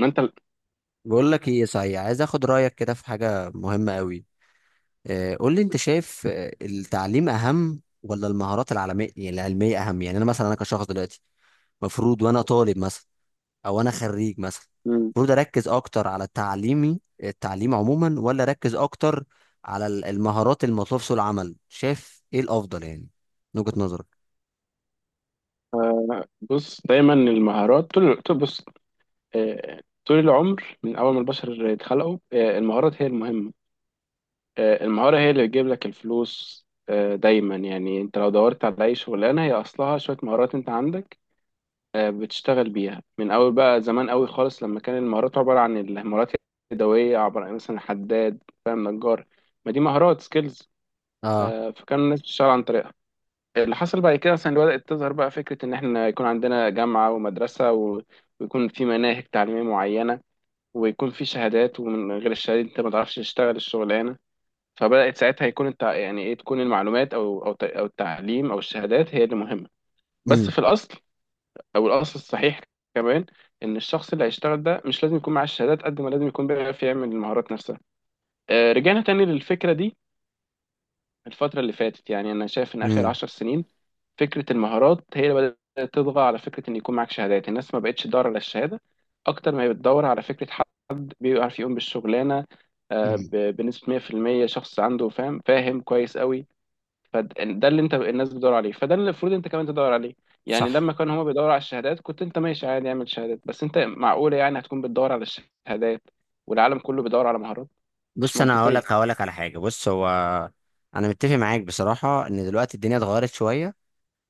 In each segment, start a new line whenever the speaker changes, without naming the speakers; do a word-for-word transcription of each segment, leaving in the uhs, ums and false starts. ما انت ال-
بقول لك ايه، صحيح عايز اخد رايك كده في حاجه مهمه قوي. قول لي، انت شايف آه، التعليم اهم ولا المهارات العلميه؟ يعني العلميه اهم، يعني انا مثلا، انا كشخص دلوقتي مفروض وانا طالب مثلا، او انا خريج مثلا،
ال-
المفروض اركز اكتر على تعليمي، التعليم عموما، ولا اركز اكتر على ال- المهارات المطلوب في سوق العمل؟ شايف ايه الافضل يعني، من وجهه نظرك؟
آه، بص، دايما المهارات طول طول- بص. آه، طول العمر من اول ما البشر اتخلقوا، آه، المهارات هي المهمه. آه، المهاره هي اللي بتجيب لك الفلوس. آه، دايما يعني انت لو دورت على اي شغلانه هي اصلها شويه مهارات انت عندك، آه، بتشتغل بيها من اول. بقى زمان قوي خالص لما كان المهارات عباره عن المهارات اليدويه، عباره عن مثلا حداد، فاهم، نجار. ما دي مهارات، سكيلز.
اه.
فكان الناس بتشتغل عن طريقها. اللي حصل بعد كده اصلا اللي بدأت تظهر بقى فكرة ان احنا يكون عندنا جامعة ومدرسة و- ويكون في مناهج تعليمية معينة، ويكون في شهادات، ومن غير الشهادة انت ما تعرفش تشتغل الشغلانة. فبدأت ساعتها يكون التع... يعني ايه، تكون المعلومات او او ت- او التعليم او الشهادات هي اللي مهمة. بس في الاصل، او الاصل الصحيح كمان، ان الشخص اللي هيشتغل ده مش لازم يكون معاه الشهادات قد ما لازم يكون بيعرف يعمل المهارات نفسها. آه، رجعنا تاني للفكرة دي. الفترة اللي فاتت يعني أنا شايف إن آخر
امم.
عشر سنين فكرة المهارات هي اللي بدأت تطغى على فكرة إن يكون معاك شهادات. الناس ما بقتش تدور على الشهادة أكتر ما هي بتدور على فكرة حد بيعرف يقوم بالشغلانة. آه،
امم.
ب- بنسبة مية في المية شخص عنده فاهم فاهم كويس قوي. فده اللي أنت الناس بتدور عليه، فده اللي المفروض أنت كمان تدور عليه. يعني لما
صح.
كانوا هما بيدوروا على الشهادات كنت أنت ماشي عادي، اعمل شهادات. بس أنت، معقولة يعني هتكون بتدور على الشهادات والعالم كله بيدور على مهارات؟ مش
بص، انا هقول لك
منطقية.
هقول لك على حاجه. بص، هو انا متفق معاك بصراحه ان دلوقتي الدنيا اتغيرت شويه.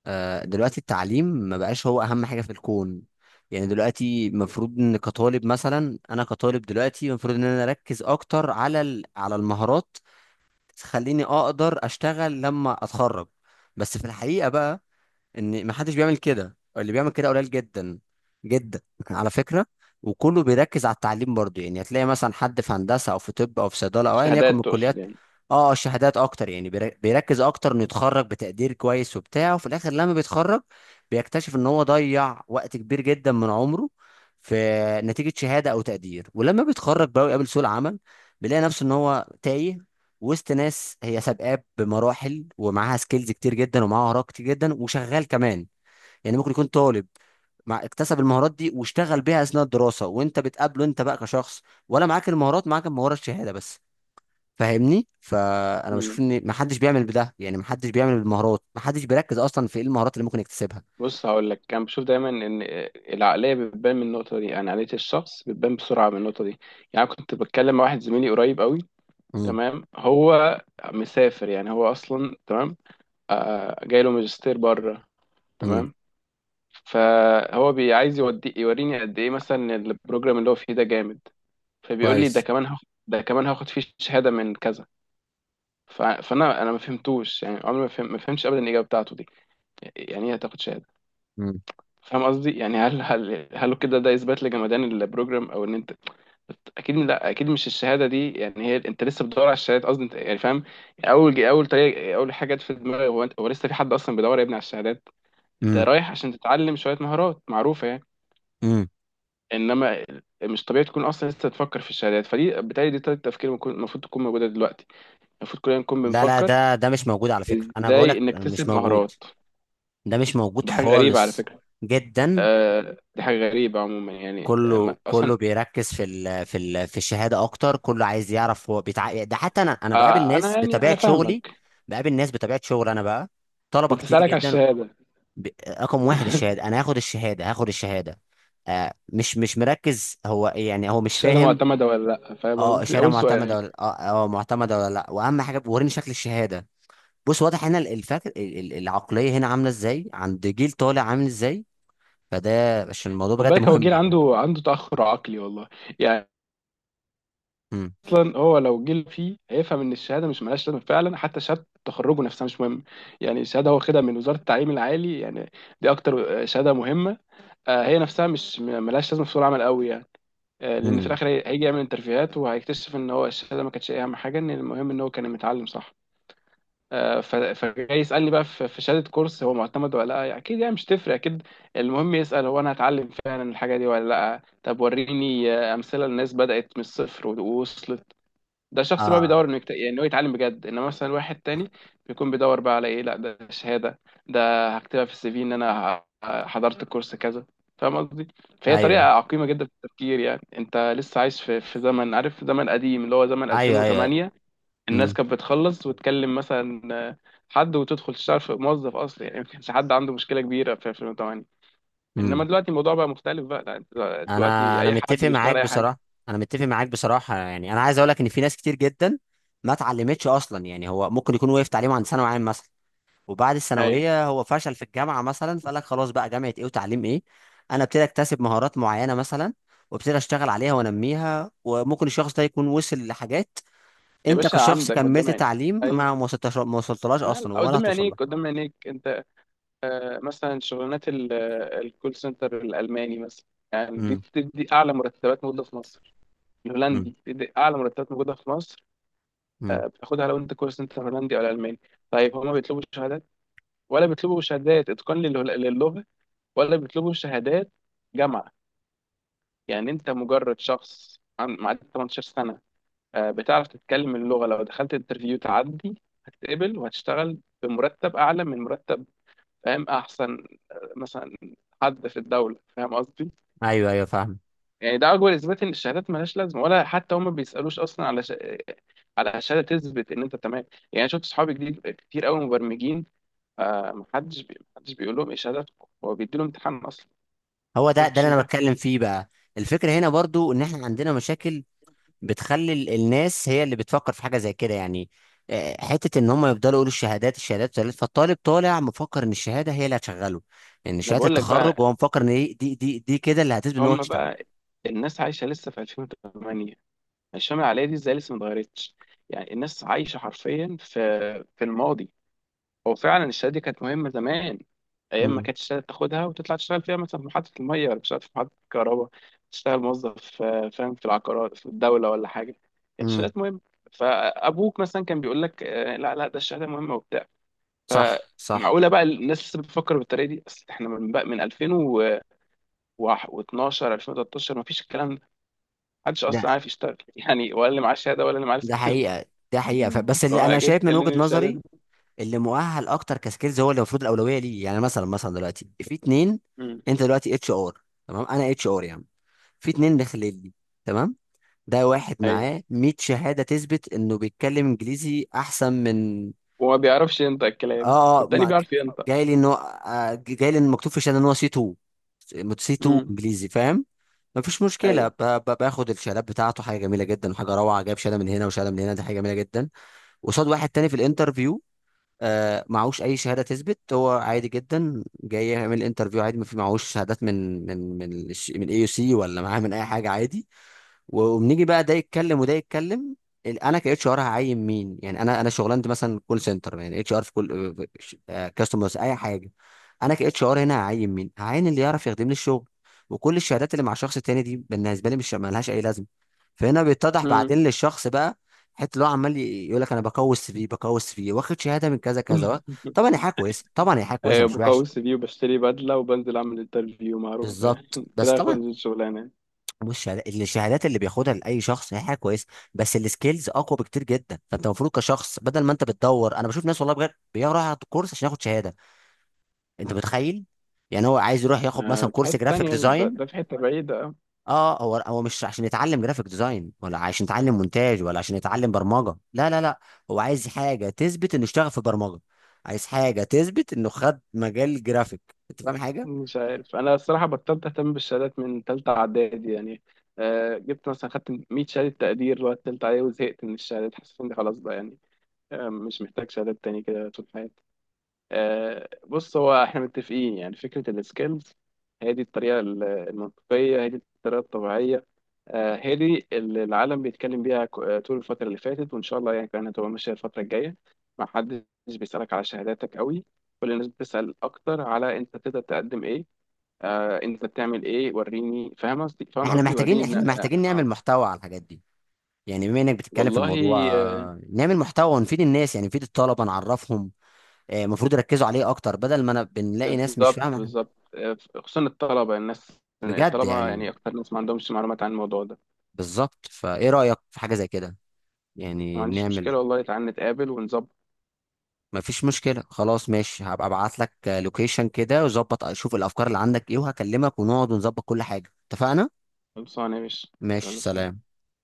آه، دلوقتي التعليم ما بقاش هو اهم حاجه في الكون. يعني دلوقتي المفروض ان كطالب مثلا، انا كطالب دلوقتي المفروض ان انا اركز اكتر على ال- على المهارات تخليني اقدر اشتغل لما اتخرج. بس في الحقيقه بقى، ان ما حدش بيعمل كده، اللي بيعمل كده قليل جدا جدا على فكره. وكله بيركز على التعليم برضه، يعني هتلاقي مثلا حد في هندسه او في طب او في صيدله او ايا يكن من
شهادات
الكليات.
تقصد؟
اه، الشهادات اكتر يعني، بير- بيركز اكتر انه يتخرج بتقدير كويس وبتاع، وفي الاخر لما بيتخرج بيكتشف ان هو ضيع وقت كبير جدا من عمره في نتيجه شهاده او تقدير. ولما بيتخرج بقى ويقابل سوق العمل، بيلاقي نفسه ان هو تايه وسط ناس هي سابقاه بمراحل ومعاها سكيلز كتير جدا ومعاها مهارات كتير جدا وشغال كمان. يعني ممكن يكون طالب مع اكتسب المهارات دي واشتغل بيها اثناء الدراسه، وانت بتقابله انت بقى كشخص، ولا معاك المهارات، معاك المهاره الشهاده بس. فاهمني؟ فانا بشوف
يعني
ان محدش بيعمل بده، يعني محدش بيعمل بالمهارات، محدش بيركز اصلا في ايه المهارات اللي ممكن يكتسبها.
بص، هقول لك، كان بشوف دايما ان العقليه بتبان من النقطه دي، يعني عقليه الشخص بتبان بسرعه من النقطه دي. يعني كنت بتكلم مع واحد زميلي قريب قوي.
امم.
تمام، هو مسافر يعني، هو اصلا تمام، آه، جاي له ماجستير بره.
امم.
تمام. فهو بي- عايز يودي يوريني قد ايه مثلا إن البروجرام اللي هو فيه ده جامد. فبيقول لي ده
كويس.
كمان هاخد، ده كمان هاخد فيه شهاده من كذا. ف- فانا انا ما فهمتوش، يعني عمري ما فهم ما فهمتش ابدا الاجابه بتاعته دي. يعني ايه هتاخد شهاده؟
امم.
فاهم قصدي؟ يعني هل هل هل كده ده اثبات لجمدان البروجرام؟ او ان انت اكيد لا، اكيد مش الشهاده دي يعني هي. انت لسه بتدور على الشهادات قصدي انت، يعني فاهم؟ اول اول طريقه، اول حاجه جت في دماغي هو انت، هو لسه في حد اصلا بيدور يا ابني على الشهادات؟ انت
امم.
رايح عشان تتعلم شويه مهارات معروفه يعني.
امم.
انما مش طبيعي تكون اصلا لسه تفكر في الشهادات. فدي بالتالي دي طريقه تفكير المفروض المفروض تكون موجوده دلوقتي، المفروض كلنا نكون
لا لا،
بنفكر
ده ده مش موجود على فكره، انا
ازاي
بقولك مش
نكتسب
موجود.
مهارات.
ده مش موجود
دي حاجه غريبه على
خالص.
فكره.
جدا.
آه، دي حاجه غريبه عموما يعني. آه، ما-
كله
اصلا
كله بيركز في ال في ال في الشهاده اكتر. كله عايز يعرف هو بيتع... ده حتى انا انا بقابل
آه
ناس
انا يعني انا
بطبيعه شغلي.
فاهمك.
بقابل ناس بطبيعه شغل انا بقى، طلبه كتير
بتسالك على
جدا.
الشهاده.
ب... رقم واحد الشهاده. انا هاخد الشهاده، هاخد الشهاده. آه مش مش مركز هو، يعني هو مش
الشهاده
فاهم.
معتمده ولا لا، فاهم
اه،
قصدي؟
الشهاده
اول سؤال.
معتمده ولا اه، آه، معتمده ولا لا، واهم حاجه وريني شكل الشهاده. بص، واضح هنا الفك... ال- ال- العقليه هنا عامله ازاي، عند جيل طالع عامل ازاي. فده عشان الموضوع
خد
بجد
بالك، هو
مهم
جيل
يعني.
عنده عنده تاخر عقلي والله، يعني
امم.
اصلا. هو لو جيل فيه هيفهم ان الشهاده مش ملهاش لازمه، فعلا حتى شهاده تخرجه نفسها مش مهم. يعني الشهاده هو خدها من وزاره التعليم العالي يعني، دي اكتر آه، شهاده مهمه، آه، هي نفسها مش م- ملهاش لازمه في سوق العمل قوي يعني. آه، لان في
امم.
الاخر هي- هيجي يعمل انترفيوهات وهيكتشف ان هو الشهاده ما كانتش اهم حاجه، ان المهم ان هو كان متعلم صح. آه، ف- فجاي يسألني بقى، في في شهادة كورس هو معتمد ولا لا؟ أكيد يعني مش تفرق أكيد. المهم يسأل هو، أنا هتعلم فعلا الحاجة دي ولا لا؟ طب وريني آه، أمثلة للناس بدأت من الصفر و- ووصلت. ده شخص بقى
اه.
بيدور إنه يكت... يعني إنه يتعلم بجد. إنما مثلا واحد تاني بيكون بيدور بقى على إيه؟ لا، ده شهادة، ده هكتبها في السي في إن أنا ه- حضرت كورس كذا. فاهم قصدي؟ فهي طريقة
ايوه
عقيمة جدا في التفكير. يعني أنت لسه عايش في في زمن، عارف، زمن قديم اللي هو زمن
ايوه ايوه.
ألفين وثمانية. الناس
امم.
كانت بتخلص وتكلم مثلا آه، حد وتدخل تشتغل في، موظف اصلا، يعني ما كانش حد عنده مشكله كبيره في ألفين وثمانية. انما
امم.
دلوقتي الموضوع بقى مختلف، بقى لا، انت
انا
دلوقتي
انا
اي حد
متفق
بيشتغل
معاك
اي حاجه.
بصراحه. انا متفق معاك بصراحه. يعني انا عايز اقول لك ان في ناس كتير جدا ما اتعلمتش اصلا. يعني هو ممكن يكون وقف تعليمه عند ثانوي عام مثلا، وبعد
ايوه.
الثانويه هو فشل في الجامعه مثلا، فقال لك خلاص بقى، جامعه ايه وتعليم ايه؟ انا ابتدي اكتسب مهارات معينه مثلا، وابتدي اشتغل عليها وانميها، وممكن الشخص ده يكون وصل لحاجات
يا
انت
باشا،
كشخص
عندك قدام
كملت
عينيك.
تعليم ما
ايوه.
ما وصلتش، ما وصلتلاش
لا لا،
اصلا ولا
قدام
هتوصل لها.
عينيك، قدام عينيك انت. آه، مثلا شغلانات ال- آه، الكول سنتر الالماني مثلا، يعني دي
امم.
بتدي اعلى مرتبات موجوده في مصر. الهولندي
امم.
بتدي اعلى مرتبات موجوده في مصر.
أمم.
آه، بتاخدها لو انت كول سنتر هولندي او الماني. طيب، هما بيطلبوا شهادات، ولا بيطلبوا شهادات اتقان لل- للغه، ولا بيطلبوا شهادات جامعه؟ يعني انت مجرد شخص عن- معدي ثمانية عشر سنه، آه، بتعرف تتكلم اللغه، لو دخلت انترفيو تعدي هتتقبل وهتشتغل بمرتب اعلى من مرتب فاهم احسن، آه، مثلا، حد في الدوله، فاهم قصدي؟
ايوه ايوه، فاهم.
يعني ده اكبر اثبات ان الشهادات ملهاش لازمه، ولا حتى هم بيسالوش اصلا على ش... على شهاده تثبت ان انت تمام. يعني شفت صحابي جديد كتير قوي مبرمجين، آه، محدش بي... محدش بيقول لهم ايه شهادتكم، هو بيدي لهم امتحان اصلا.
هو ده ده
خش
اللي انا
امتحان.
بتكلم فيه بقى. الفكره هنا برضو ان احنا عندنا مشاكل بتخلي ال- الناس هي اللي بتفكر في حاجه زي كده. يعني آه، حته ان هم يفضلوا يقولوا الشهادات الشهادات الشهادات، فالطالب طالع مفكر ان الشهاده هي اللي هتشغله، ان
ما
شهاده
بقول لك
التخرج.
بقى.
هو مفكر ان دي دي دي, دي كده اللي هتثبت ان هو
هم
يشتغل.
بقى، الناس عايشه لسه في ألفين وثمانية، الشمال العاليه دي ازاي لسه ما اتغيرتش؟ يعني الناس عايشه حرفيا في في الماضي. هو فعلا الشهاده دي كانت مهمه زمان، ايام ما
امم.
كانت الشهاده تاخدها وتطلع تشتغل فيها مثلا في محطه الميه، ولا تشتغل في محطه الكهرباء، تشتغل موظف آه، فاهم، في العقارات، في الدوله ولا حاجه. كانت
امم.
الشهادات مهمه. فابوك مثلا كان بيقول لك آه، لا لا، ده الشهاده مهمه وبتاع.
صح صح.
فمعقوله بقى الناس لسه بتفكر بالطريقه دي؟ اصل احنا من بقى من ألفين واتناشر، ألفين وثلاثة عشر ما فيش الكلام ده، محدش اصلا
ده
عارف يشتغل يعني، ولا اللي معاه شهاده ولا اللي معاه
ده
سكيلز.
حقيقه. ده حقيقه. ف- بس اللي
فما
انا
جيت
شايف من وجهه
تكلمني بالشهاده
نظري،
دي.
اللي مؤهل اكتر كسكيلز هو اللي المفروض الاولويه ليه. يعني مثلا مثلا دلوقتي في اتنين،
امم.
انت دلوقتي اتش ار، تمام؟ انا اتش ار يعني. في اتنين داخلين لي، تمام، ده واحد
ايوه.
معاه مية شهاده شهادة تثبت انه بيتكلم انجليزي احسن من...
وما بيعرفش ينطق الكلام،
اه اه،
والتاني
ما ك-
بيعرف ينطق.
جاي لي انه آه، جاي لي إن مكتوب في الشهادة ان هو سي اتنين، سي اتنين
امم.
انجليزي، فاهم؟ مفيش مشكلة،
ايوه.
ب- ب- باخد الشهادات بتاعته حاجة جميلة جدا وحاجة روعة، جايب شهادة من هنا وشهادة من هنا، دي حاجة جميلة جدا. قصاد واحد تاني في الانترفيو آه، معهوش اي شهاده تثبت، هو عادي جدا، جاي يعمل انترفيو عادي، ما في معهوش شهادات من من من الش- من اي يو سي، ولا معاه من اي حاجه، عادي. وبنيجي بقى، ده يتكلم وده يتكلم. ال- انا كاتش ار هعين مين؟ يعني انا انا شغلانتي مثلا كول سنتر، يعني اتش ار في كل كاستمرز اي حاجه. انا كاتش ار هنا هعين مين؟ هعين اللي يعرف يخدم لي الشغل. وكل الشهادات اللي مع الشخص التاني دي بالنسبه لي مش مالهاش اي لازمه. فهنا بيتضح
امم.
بعدين للشخص بقى، حته اللي هو عمال يقول لك انا بقوي السي في، بقوي السي في، واخد شهاده من كذا كذا. طبعا هي حاجه كويسه، طبعا هي حاجه كويسه،
ايوه،
مش
بقوي
وحش.
السي في وبشتري بدله وبنزل اعمل انترفيو، معروف يعني
بالظبط. بس
كده هاخد
طبعا
الشغلانه.
مش الشهادات اللي بياخدها لاي شخص هي حاجه كويسه، بس السكيلز اقوى بكتير جدا. فانت المفروض كشخص بدل ما انت بتدور، انا بشوف ناس والله بجد بيروح ياخد كورس عشان ياخد شهاده. انت متخيل؟ يعني هو عايز يروح ياخد مثلا
آه، في
كورس
حته
جرافيك
تانية، ده,
ديزاين.
ده في حته بعيده.
اه، هو هو مش عشان يتعلم جرافيك ديزاين، ولا عشان يتعلم مونتاج، ولا عشان يتعلم برمجه، لا لا لا. هو عايز حاجه تثبت انه اشتغل في برمجه، عايز حاجه تثبت انه خد مجال جرافيك. انت فاهم حاجه؟
مش عارف، انا الصراحه بطلت اهتم بالشهادات من ثالثه اعدادي يعني، آه، جبت مثلا، خدت مئة شهاده تقدير وقت ثالثه اعدادي وزهقت من الشهادات. حسيت اني خلاص بقى يعني، آه، مش محتاج شهادات تاني كده طول حياتي. آه، بص، هو احنا متفقين يعني، فكره السكيلز هي دي الطريقه ال- المنطقيه، هي دي الطريقه الطبيعيه، آه، هي دي اللي العالم بيتكلم بيها ك- آه، طول الفتره اللي فاتت، وان شاء الله يعني كمان هتبقى ماشيه الفتره الجايه. ما حدش بيسالك على شهاداتك قوي، كل الناس بتسال اكتر على انت تقدر تقدم ايه، آه، انت بتعمل ايه، وريني، فاهم قصدي؟ فاهم
احنا
قصدي،
محتاجين
وريني بن...
احنا
آه,
محتاجين نعمل
اه
محتوى على الحاجات دي. يعني بما انك بتتكلم في
والله.
الموضوع،
آه.
آه، نعمل محتوى ونفيد الناس. يعني نفيد الطلبه، نعرفهم آه، المفروض يركزوا عليه اكتر، بدل ما انا بنلاقي ناس مش
بالظبط،
فاهمه.
بالظبط، آه، خصوصا الطلبه، الناس
بجد
الطلبه
يعني.
يعني اكتر ناس ما عندهمش معلومات عن الموضوع ده.
بالظبط. فايه رايك في حاجه زي كده؟
ما
يعني
عنديش
نعمل...
مشكله والله، تعال نتقابل ونظبط.
مفيش مشكلة، خلاص ماشي. هبقى ابعت لك لوكيشن كده وظبط، اشوف الافكار اللي عندك ايه، وهكلمك ونقعد ونظبط كل حاجة. اتفقنا؟
خلصانه يا باشا.
ماشي،
يلا سلام.
سلام.